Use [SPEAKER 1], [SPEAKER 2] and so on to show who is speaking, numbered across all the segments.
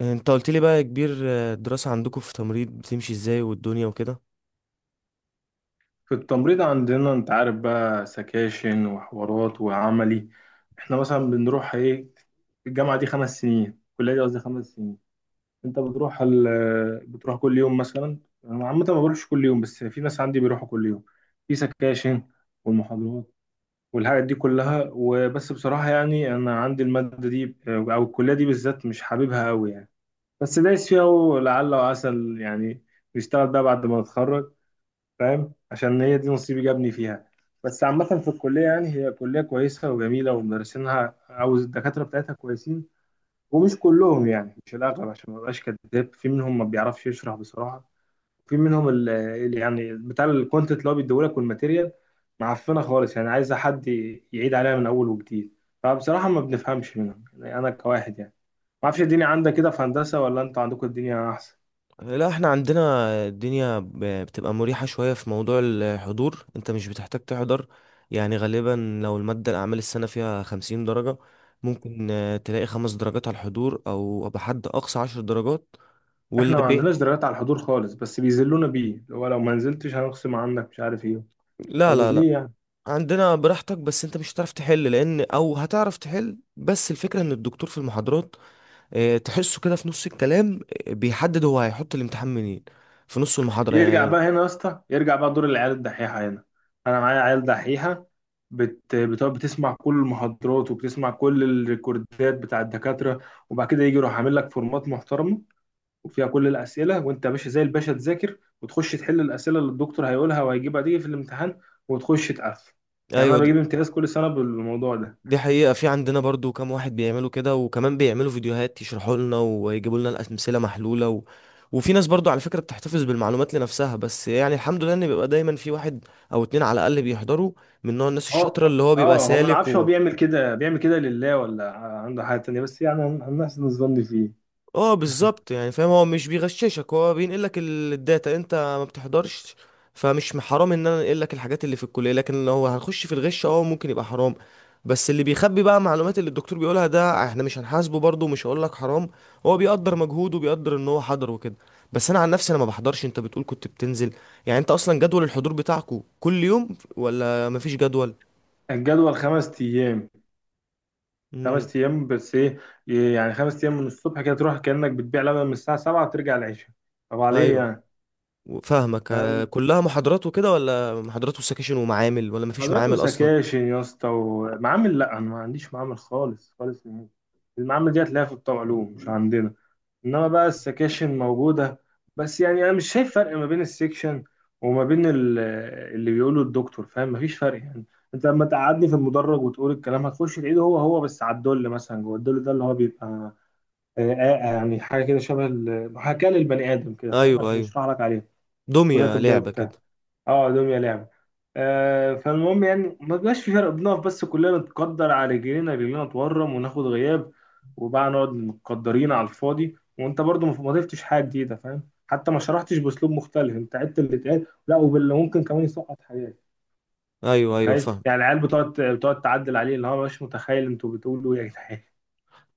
[SPEAKER 1] انت قلت لي بقى يا كبير، الدراسة عندكم في تمريض بتمشي ازاي والدنيا وكده؟
[SPEAKER 2] في التمريض عندنا انت عارف بقى سكاشن وحوارات وعملي. احنا مثلا بنروح ايه. الجامعة دي خمس سنين، الكلية دي قصدي خمس سنين. انت بتروح ال... بتروح كل يوم مثلا. انا عامة ما بروحش كل يوم، بس في ناس عندي بيروحوا كل يوم. في سكاشن والمحاضرات والحاجات دي كلها، وبس بصراحة يعني انا عندي المادة دي او الكلية دي بالذات مش حاببها قوي يعني. بس دايس فيها ولعل وعسى يعني نشتغل بقى بعد ما نتخرج، فاهم؟ عشان هي دي نصيبي جابني فيها. بس عامة في الكلية يعني هي كلية كويسة وجميلة ومدرسينها أو الدكاترة بتاعتها كويسين. ومش كلهم يعني، مش الأغلب عشان ما أبقاش كداب، في منهم ما بيعرفش يشرح بصراحة. في منهم اللي يعني بتاع الكونتنت اللي هو بيديهولك والماتيريال معفنة خالص يعني، عايزة حد يعيد عليها من أول وجديد. فبصراحة ما بنفهمش منهم يعني، أنا كواحد يعني. ما أعرفش الدنيا عندك كده في هندسة، ولا أنتوا عندكم الدنيا أحسن؟
[SPEAKER 1] لا، احنا عندنا الدنيا بتبقى مريحة شوية في موضوع الحضور، انت مش بتحتاج تحضر. يعني غالبا لو المادة الأعمال السنة فيها خمسين درجة، ممكن تلاقي خمس درجات على الحضور أو بحد أقصى عشر درجات
[SPEAKER 2] احنا ما عندناش
[SPEAKER 1] والأربعين.
[SPEAKER 2] درجات على الحضور خالص، بس بيذلونا بيه اللي هو لو ما نزلتش هنخصم عنك مش عارف ايه.
[SPEAKER 1] لا،
[SPEAKER 2] طب
[SPEAKER 1] لا، لا.
[SPEAKER 2] وليه يعني؟
[SPEAKER 1] عندنا براحتك، بس انت مش هتعرف تحل، لأن أو هتعرف تحل بس الفكرة ان الدكتور في المحاضرات، تحسه كده في نص الكلام، بيحدد هو هيحط الامتحان منين في نص المحاضرة
[SPEAKER 2] يرجع
[SPEAKER 1] يعني.
[SPEAKER 2] بقى هنا يا اسطى، يرجع بقى دور العيال الدحيحه هنا. انا معايا عيال دحيحه. بتقعد بتسمع كل المحاضرات وبتسمع كل الريكوردات بتاع الدكاتره. وبعد كده يجي يروح عامل لك فورمات محترمه وفيها كل الاسئله، وانت يا باشا زي الباشا تذاكر وتخش تحل الاسئله اللي الدكتور هيقولها وهيجيبها دي في الامتحان وتخش تقفل. يعني انا
[SPEAKER 1] ايوه. دي,
[SPEAKER 2] بجيب امتياز كل سنه بالموضوع ده.
[SPEAKER 1] دي حقيقة، في عندنا برضو كام واحد بيعملوا كده، وكمان بيعملوا فيديوهات يشرحوا لنا ويجيبوا لنا الأمثلة محلولة، و... وفي ناس برضو على فكرة بتحتفظ بالمعلومات لنفسها. بس يعني الحمد لله ان بيبقى دايما في واحد او اتنين على الأقل بيحضروا، من نوع الناس الشاطرة
[SPEAKER 2] هو
[SPEAKER 1] اللي هو بيبقى
[SPEAKER 2] اه هو ما
[SPEAKER 1] سالك.
[SPEAKER 2] نعرفش هو بيعمل كده بيعمل كده لله ولا عنده حاجة تانية، بس يعني هنحسن الظن فيه.
[SPEAKER 1] اه، بالظبط. يعني فاهم، هو مش بيغششك، هو بينقل لك الداتا انت ما بتحضرش. فمش حرام ان انا انقل لك الحاجات اللي في الكليه، لكن لو هنخش في الغش اه ممكن يبقى حرام. بس اللي بيخبي بقى معلومات اللي الدكتور بيقولها ده، احنا مش هنحاسبه برضه، مش هقول لك حرام. هو بيقدر مجهوده وبيقدر ان هو حضر وكده. بس انا عن نفسي انا ما بحضرش. انت بتقول كنت بتنزل، يعني انت اصلا جدول الحضور بتاعكو كل يوم ولا مفيش جدول؟
[SPEAKER 2] الجدول خمس أيام.
[SPEAKER 1] امم.
[SPEAKER 2] خمس أيام بس إيه يعني؟ خمس أيام من الصبح كده تروح كأنك بتبيع لبن من الساعة سبعة وترجع العشاء. طب عليه
[SPEAKER 1] ايوه،
[SPEAKER 2] يعني.
[SPEAKER 1] فاهمك.
[SPEAKER 2] فاهم.
[SPEAKER 1] كلها محاضرات وكده ولا محاضرات وسكاشن ومعامل، ولا مفيش
[SPEAKER 2] حضرتك
[SPEAKER 1] معامل اصلا؟
[SPEAKER 2] وسكاشن يا اسطى ومعامل. لا أنا ما عنديش معامل خالص خالص نهائي. المعامل دي هتلاقيها في الطوعلوم مش عندنا. انما بقى السكاشن موجوده، بس يعني انا مش شايف فرق ما بين السكشن وما بين اللي بيقوله الدكتور. فاهم؟ مفيش فرق يعني. انت لما تقعدني في المدرج وتقول الكلام هتخش تعيده هو هو، بس على الدل مثلا، جوه الدل ده اللي هو بيبقى يعني حاجه كده شبه محاكاه للبني ادم كده، فاهم؟
[SPEAKER 1] ايوه،
[SPEAKER 2] عشان
[SPEAKER 1] ايوه،
[SPEAKER 2] يشرح لك عليه. كليه
[SPEAKER 1] دمية
[SPEAKER 2] طبيه
[SPEAKER 1] لعبة
[SPEAKER 2] وبتاع.
[SPEAKER 1] كده.
[SPEAKER 2] اه، دمية لعبة. آه، فالمهم يعني ما بيبقاش في فرق. بنقف بس كلنا، نتقدر على رجلينا، رجلينا تورم وناخد غياب، وبقى نقعد متقدرين على الفاضي، وانت برضو ما ضفتش حاجة جديدة. فاهم؟ حتى ما شرحتش باسلوب مختلف، انت عدت اللي اتقال لا وباللي ممكن كمان يسقط حاجات.
[SPEAKER 1] ايوه، ايوه،
[SPEAKER 2] متخيل
[SPEAKER 1] فاهم.
[SPEAKER 2] يعني؟ العيال بتقعد تعدل عليه اللي هو مش متخيل، انتوا بتقولوا ايه يا جدعان.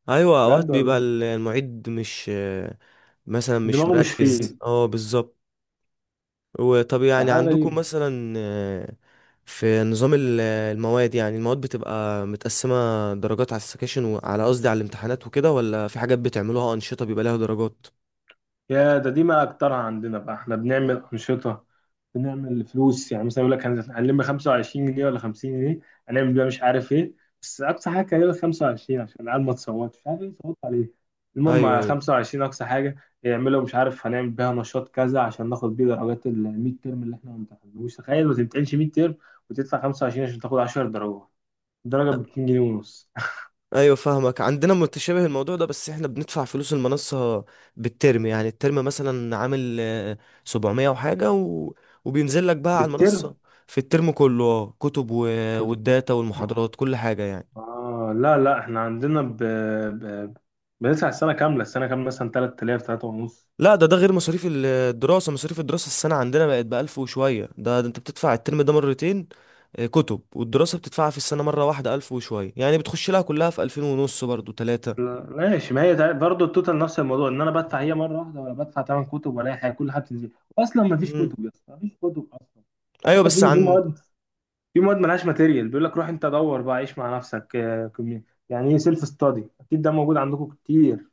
[SPEAKER 1] ايوه، اوقات
[SPEAKER 2] بجد
[SPEAKER 1] بيبقى
[SPEAKER 2] والله.
[SPEAKER 1] المعيد مش، مثلا مش
[SPEAKER 2] دماغه مش
[SPEAKER 1] مركز.
[SPEAKER 2] فيه.
[SPEAKER 1] اه، بالظبط. وطب يعني
[SPEAKER 2] فحاجة
[SPEAKER 1] عندكم
[SPEAKER 2] غريبة.
[SPEAKER 1] مثلا، في نظام المواد، يعني المواد بتبقى متقسمة درجات على السكاشن وعلى، قصدي على الامتحانات وكده، ولا في حاجات بتعملوها أنشطة بيبقى لها درجات؟
[SPEAKER 2] يا ده، دي ما اكترها عندنا بقى. احنا بنعمل انشطه، بنعمل فلوس، يعني مثلا يقول لك هنلم 25 جنيه ولا 50 جنيه، هنعمل بيها مش عارف ايه. بس اقصى حاجه كان يقول لك 25 عشان العيال ما تصوتش مش عارف ايه، صوت عليه. المهم
[SPEAKER 1] ايوه،
[SPEAKER 2] على
[SPEAKER 1] ايوه،
[SPEAKER 2] 25 اقصى حاجه. يعملوا مش عارف هنعمل بيها نشاط كذا عشان ناخد بيه درجات ال 100 ترم اللي احنا ما امتحناهوش. تخيل ما تمتحنش 100 ترم وتدفع 25 عشان تاخد 10 درجات. درجه ب 2 جنيه ونص
[SPEAKER 1] ايوه، فاهمك. عندنا متشابه الموضوع ده، بس احنا بندفع فلوس المنصة بالترم. يعني الترم مثلا عامل 700 وحاجة، و... وبينزل لك بقى على
[SPEAKER 2] بالترم.
[SPEAKER 1] المنصة في الترم كله، كتب و... والداتا والمحاضرات كل حاجة يعني.
[SPEAKER 2] اه، لا لا احنا عندنا ب... بندفع السنه كامله. السنه كامله مثلا 3000، 3 ونص.
[SPEAKER 1] لا، ده غير مصاريف الدراسة. مصاريف الدراسة السنة عندنا بقت بألف وشوية، ده انت بتدفع الترم ده مرتين. كتب، والدراسة بتدفعها في السنة مرة واحدة ألف وشوية، يعني بتخش لها كلها في ألفين ونص برضو تلاتة.
[SPEAKER 2] لا ماشي، ما هي برضه التوتال نفس الموضوع، ان انا بدفع هي مره واحده ولا بدفع ثمان كتب ولا أي حاجه كل حاجه بتنزل. اصلا ما فيش
[SPEAKER 1] مم.
[SPEAKER 2] كتب يا اسطى، ما فيش كتب اصلا.
[SPEAKER 1] ايوه،
[SPEAKER 2] حتى
[SPEAKER 1] بس
[SPEAKER 2] في
[SPEAKER 1] عن،
[SPEAKER 2] مواد، في مواد مالهاش ماتيريال، بيقول لك روح انت دور بقى عيش مع نفسك كمية. يعني ايه سيلف ستادي، اكيد ده موجود عندكم كتير.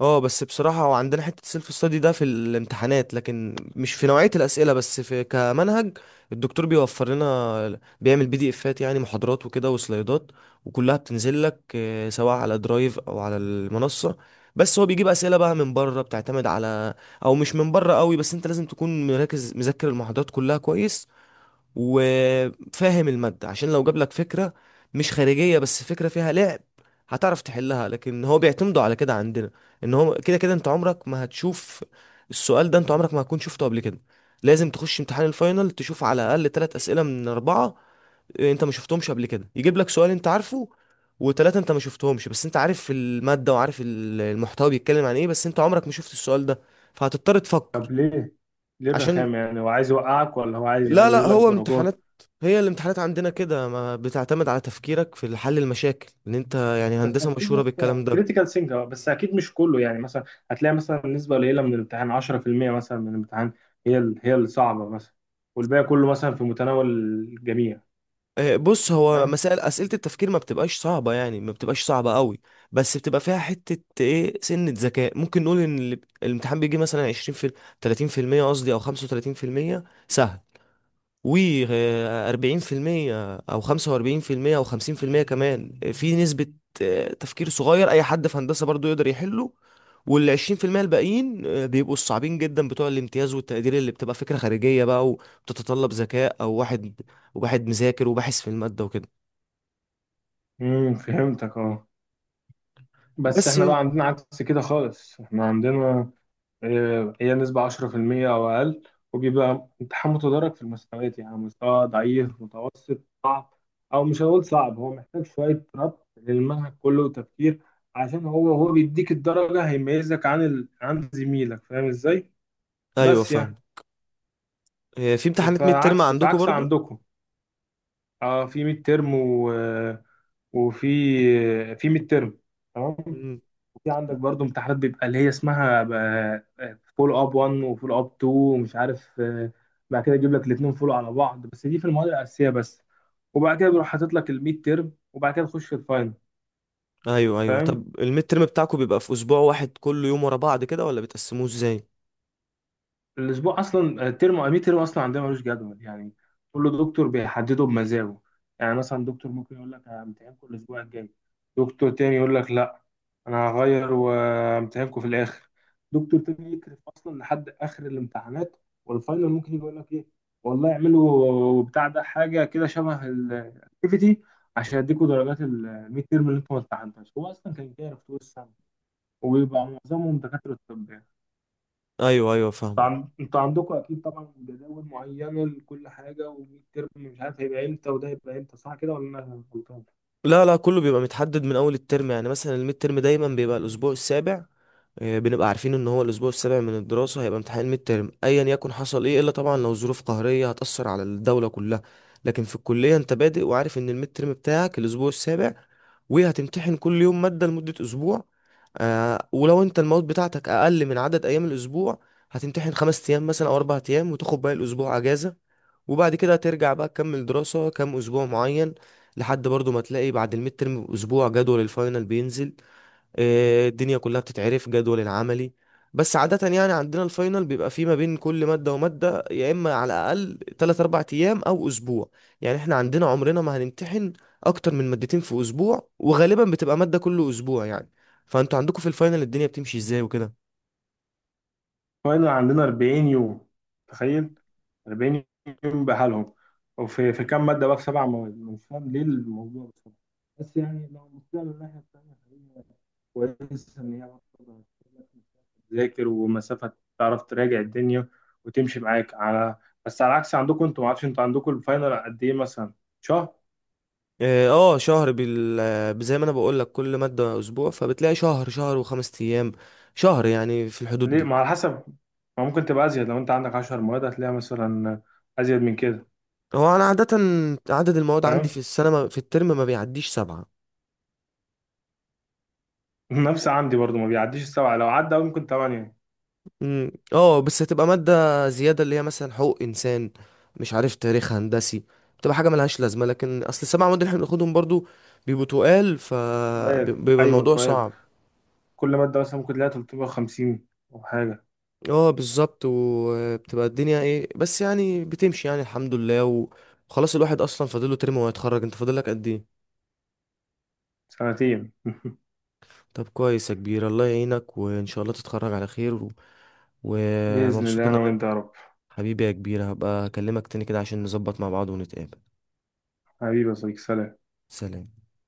[SPEAKER 1] اه بس بصراحة هو عندنا حتة سيلف ستادي ده في الامتحانات، لكن مش في نوعية الأسئلة بس في كمنهج. الدكتور بيوفر لنا، بيعمل PDFs، يعني محاضرات وكده وسلايدات، وكلها بتنزل لك سواء على درايف أو على المنصة. بس هو بيجيب أسئلة بقى من بره بتعتمد على، أو مش من بره قوي، بس أنت لازم تكون مركز مذاكر المحاضرات كلها كويس وفاهم المادة. عشان لو جاب لك فكرة مش خارجية بس فكرة فيها لعب، هتعرف تحلها، لكن هو بيعتمدوا على كده عندنا، ان هو كده كده انت عمرك ما هتشوف السؤال ده، انت عمرك ما هتكون شفته قبل كده. لازم تخش امتحان الفاينل تشوف على الاقل ثلاث اسئلة من اربعة انت ما شفتهمش قبل كده. يجيب لك سؤال انت عارفه، وثلاثة انت ما شفتهمش، بس انت عارف المادة وعارف المحتوى بيتكلم عن ايه، بس انت عمرك ما شفت السؤال ده، فهتضطر
[SPEAKER 2] طب
[SPEAKER 1] تفكر.
[SPEAKER 2] ليه؟ ليه
[SPEAKER 1] عشان،
[SPEAKER 2] الرخامه يعني؟ هو عايز يوقعك ولا هو عايز
[SPEAKER 1] لا، لا،
[SPEAKER 2] يقلل لك
[SPEAKER 1] هو
[SPEAKER 2] درجات؟
[SPEAKER 1] امتحانات. هي الامتحانات عندنا كده ما بتعتمد على تفكيرك في حل المشاكل، ان انت يعني
[SPEAKER 2] بس
[SPEAKER 1] هندسة
[SPEAKER 2] اكيد
[SPEAKER 1] مشهورة
[SPEAKER 2] مثلا
[SPEAKER 1] بالكلام ده.
[SPEAKER 2] كريتيكال سينجر، بس اكيد مش كله يعني. مثلا هتلاقي مثلا نسبه قليله من الامتحان 10% مثلا من الامتحان هي الصعبه مثلا، والباقي كله مثلا في متناول الجميع.
[SPEAKER 1] بص، هو
[SPEAKER 2] فاهم.
[SPEAKER 1] مسائل أسئلة التفكير ما بتبقاش صعبة، يعني ما بتبقاش صعبة قوي. بس بتبقى فيها حتة ايه، سنة ذكاء. ممكن نقول ان الامتحان بيجي مثلا 20 في، 30% قصدي، او 35% سهل، و 40% او 45% او 50% كمان في نسبة تفكير صغير اي حد في هندسة برضو يقدر يحله. وال 20% الباقيين بيبقوا الصعبين جدا بتوع الامتياز والتقدير، اللي بتبقى فكرة خارجية بقى وبتتطلب ذكاء، او واحد وواحد مذاكر وباحث في المادة وكده.
[SPEAKER 2] امم، فهمتك اه. بس
[SPEAKER 1] بس،
[SPEAKER 2] احنا بقى عندنا عكس كده خالص. احنا عندنا هي نسبة 10% أو أقل، وبيبقى امتحان متدرج في المستويات، يعني مستوى ضعيف متوسط صعب. أو مش هقول صعب، هو محتاج شوية ربط للمنهج كله وتفكير، عشان هو بيديك الدرجة هيميزك عن عن زميلك. فاهم إزاي؟
[SPEAKER 1] ايوه،
[SPEAKER 2] بس
[SPEAKER 1] فاهم.
[SPEAKER 2] يعني
[SPEAKER 1] في امتحانات ميد ترم
[SPEAKER 2] فعكس
[SPEAKER 1] عندكم
[SPEAKER 2] فعكس
[SPEAKER 1] برضو؟
[SPEAKER 2] عندكم. اه في ميد ترم و... آه، وفي في ميد ترم. تمام.
[SPEAKER 1] مم.
[SPEAKER 2] وفي عندك برضو امتحانات بيبقى اللي هي اسمها فول اب 1 وفول اب 2 ومش عارف بعد كده يجيب لك الاثنين فول على بعض، بس دي في المواد الاساسيه بس. وبعد كده بيروح حاطط لك الميد تيرم وبعد كده تخش الفاينل.
[SPEAKER 1] ايوه، ايوه،
[SPEAKER 2] فاهم.
[SPEAKER 1] طب الميد ترم بتاعكم بيبقى في اسبوع واحد كل يوم ورا بعض كده ولا بتقسموه ازاي؟
[SPEAKER 2] الاسبوع اصلا الترم امي ترم اصلا عندنا ملوش جدول يعني. كل دكتور بيحدده بمزاجه. يعني مثلا دكتور ممكن يقول لك همتحنكم الاسبوع الجاي. دكتور تاني يقول لك لا، انا هغير وامتحانكم في الاخر. دكتور تاني يكرف اصلا لحد اخر الامتحانات. والفاينل ممكن يقول لك ايه والله، اعملوا بتاع ده حاجه كده شبه الاكتيفيتي عشان يديكوا درجات الميد تيرم اللي انتوا ما امتحنتهاش، هو اصلا كان كارف طول السنه. وبيبقى معظمهم دكاتره، طب يعني.
[SPEAKER 1] ايوه، ايوه، فاهم.
[SPEAKER 2] انتوا عندكم اكيد طبعا جداول معينه لكل حاجه، وميد ترم مش عارف هيبقى امتى وده هيبقى امتى، صح كده ولا انا غلطان؟
[SPEAKER 1] لا، لا، كله بيبقى متحدد من اول الترم. يعني مثلا الميد ترم دايما بيبقى الاسبوع السابع. بنبقى عارفين ان هو الاسبوع السابع من الدراسه هيبقى امتحان الميد ترم ايا يكن حصل ايه، الا طبعا لو ظروف قهريه هتاثر على الدوله كلها. لكن في الكليه انت بادئ وعارف ان الميد ترم بتاعك الاسبوع السابع، وهتمتحن كل يوم ماده لمده اسبوع. ولو انت المواد بتاعتك اقل من عدد ايام الاسبوع، هتمتحن خمس ايام مثلا او اربع ايام وتاخد باقي الاسبوع اجازه. وبعد كده ترجع بقى تكمل دراسة كام أسبوع معين، لحد برضو ما تلاقي بعد الميد ترم بأسبوع جدول الفاينل بينزل. الدنيا كلها بتتعرف جدول العملي. بس عادة يعني عندنا الفاينل بيبقى فيه ما بين كل مادة ومادة يا إما على الأقل 3 4 أيام أو أسبوع. يعني إحنا عندنا عمرنا ما هنمتحن أكتر من مادتين في أسبوع، وغالبا بتبقى مادة كل أسبوع يعني. فأنتوا عندكم في الفاينل الدنيا بتمشي إزاي وكده؟
[SPEAKER 2] فاينل عندنا 40 يوم. تخيل، 40 يوم بحالهم. وفي كام ماده بقى؟ في سبع مواد مش فاهم ليه الموضوع بصراحه. بس يعني لو بصينا من الناحيه الثانيه، فهي كويسه ان هي برضه هتسيب لك مسافة تذاكر ومسافه تعرف تراجع الدنيا وتمشي معاك على. بس على عكس عندكم، انتوا ما اعرفش انتوا عندكم الفاينل قد ايه مثلا؟ شهر.
[SPEAKER 1] اه، شهر، بال آه، زي ما انا بقول لك كل ماده اسبوع، فبتلاقي شهر، شهر وخمس ايام، شهر، يعني في الحدود
[SPEAKER 2] ليه؟
[SPEAKER 1] دي.
[SPEAKER 2] ما على حسب، ما ممكن تبقى ازيد لو انت عندك 10 مواد هتلاقيها مثلا ازيد من كده.
[SPEAKER 1] هو انا عاده، عدد المواد عندي في
[SPEAKER 2] فاهم.
[SPEAKER 1] السنه، في الترم ما بيعديش سبعه.
[SPEAKER 2] نفس عندي برضو ما بيعديش السبعه، لو عدى أوي ممكن ثمانيه.
[SPEAKER 1] أمم، اه، بس هتبقى ماده زياده اللي هي مثلا حقوق انسان، مش عارف، تاريخ هندسي. بتبقى حاجه ملهاش لازمه، لكن اصل السبع مواد اللي احنا بناخدهم برضو بيبقوا تقال،
[SPEAKER 2] تويل،
[SPEAKER 1] فبيبقى
[SPEAKER 2] ايوه
[SPEAKER 1] الموضوع
[SPEAKER 2] تويل.
[SPEAKER 1] صعب.
[SPEAKER 2] كل ماده مثلا ممكن تلاقيها 350 او حاجه.
[SPEAKER 1] اه، بالظبط. وبتبقى الدنيا ايه بس، يعني بتمشي، يعني الحمد لله و- وخلاص. الواحد اصلا فاضله ترم وهيتخرج. انت فاضلك قد ايه؟
[SPEAKER 2] سنتين
[SPEAKER 1] طب، كويس يا كبير. الله يعينك وان شاء الله تتخرج على خير،
[SPEAKER 2] باذن
[SPEAKER 1] ومبسوط
[SPEAKER 2] الله
[SPEAKER 1] ان
[SPEAKER 2] انا
[SPEAKER 1] انا.
[SPEAKER 2] وانت يا رب.
[SPEAKER 1] حبيبي يا كبير، هبقى اكلمك تاني كده عشان نظبط مع بعض ونتقابل.
[SPEAKER 2] حبيبي يا صديقي، سلام.
[SPEAKER 1] سلام.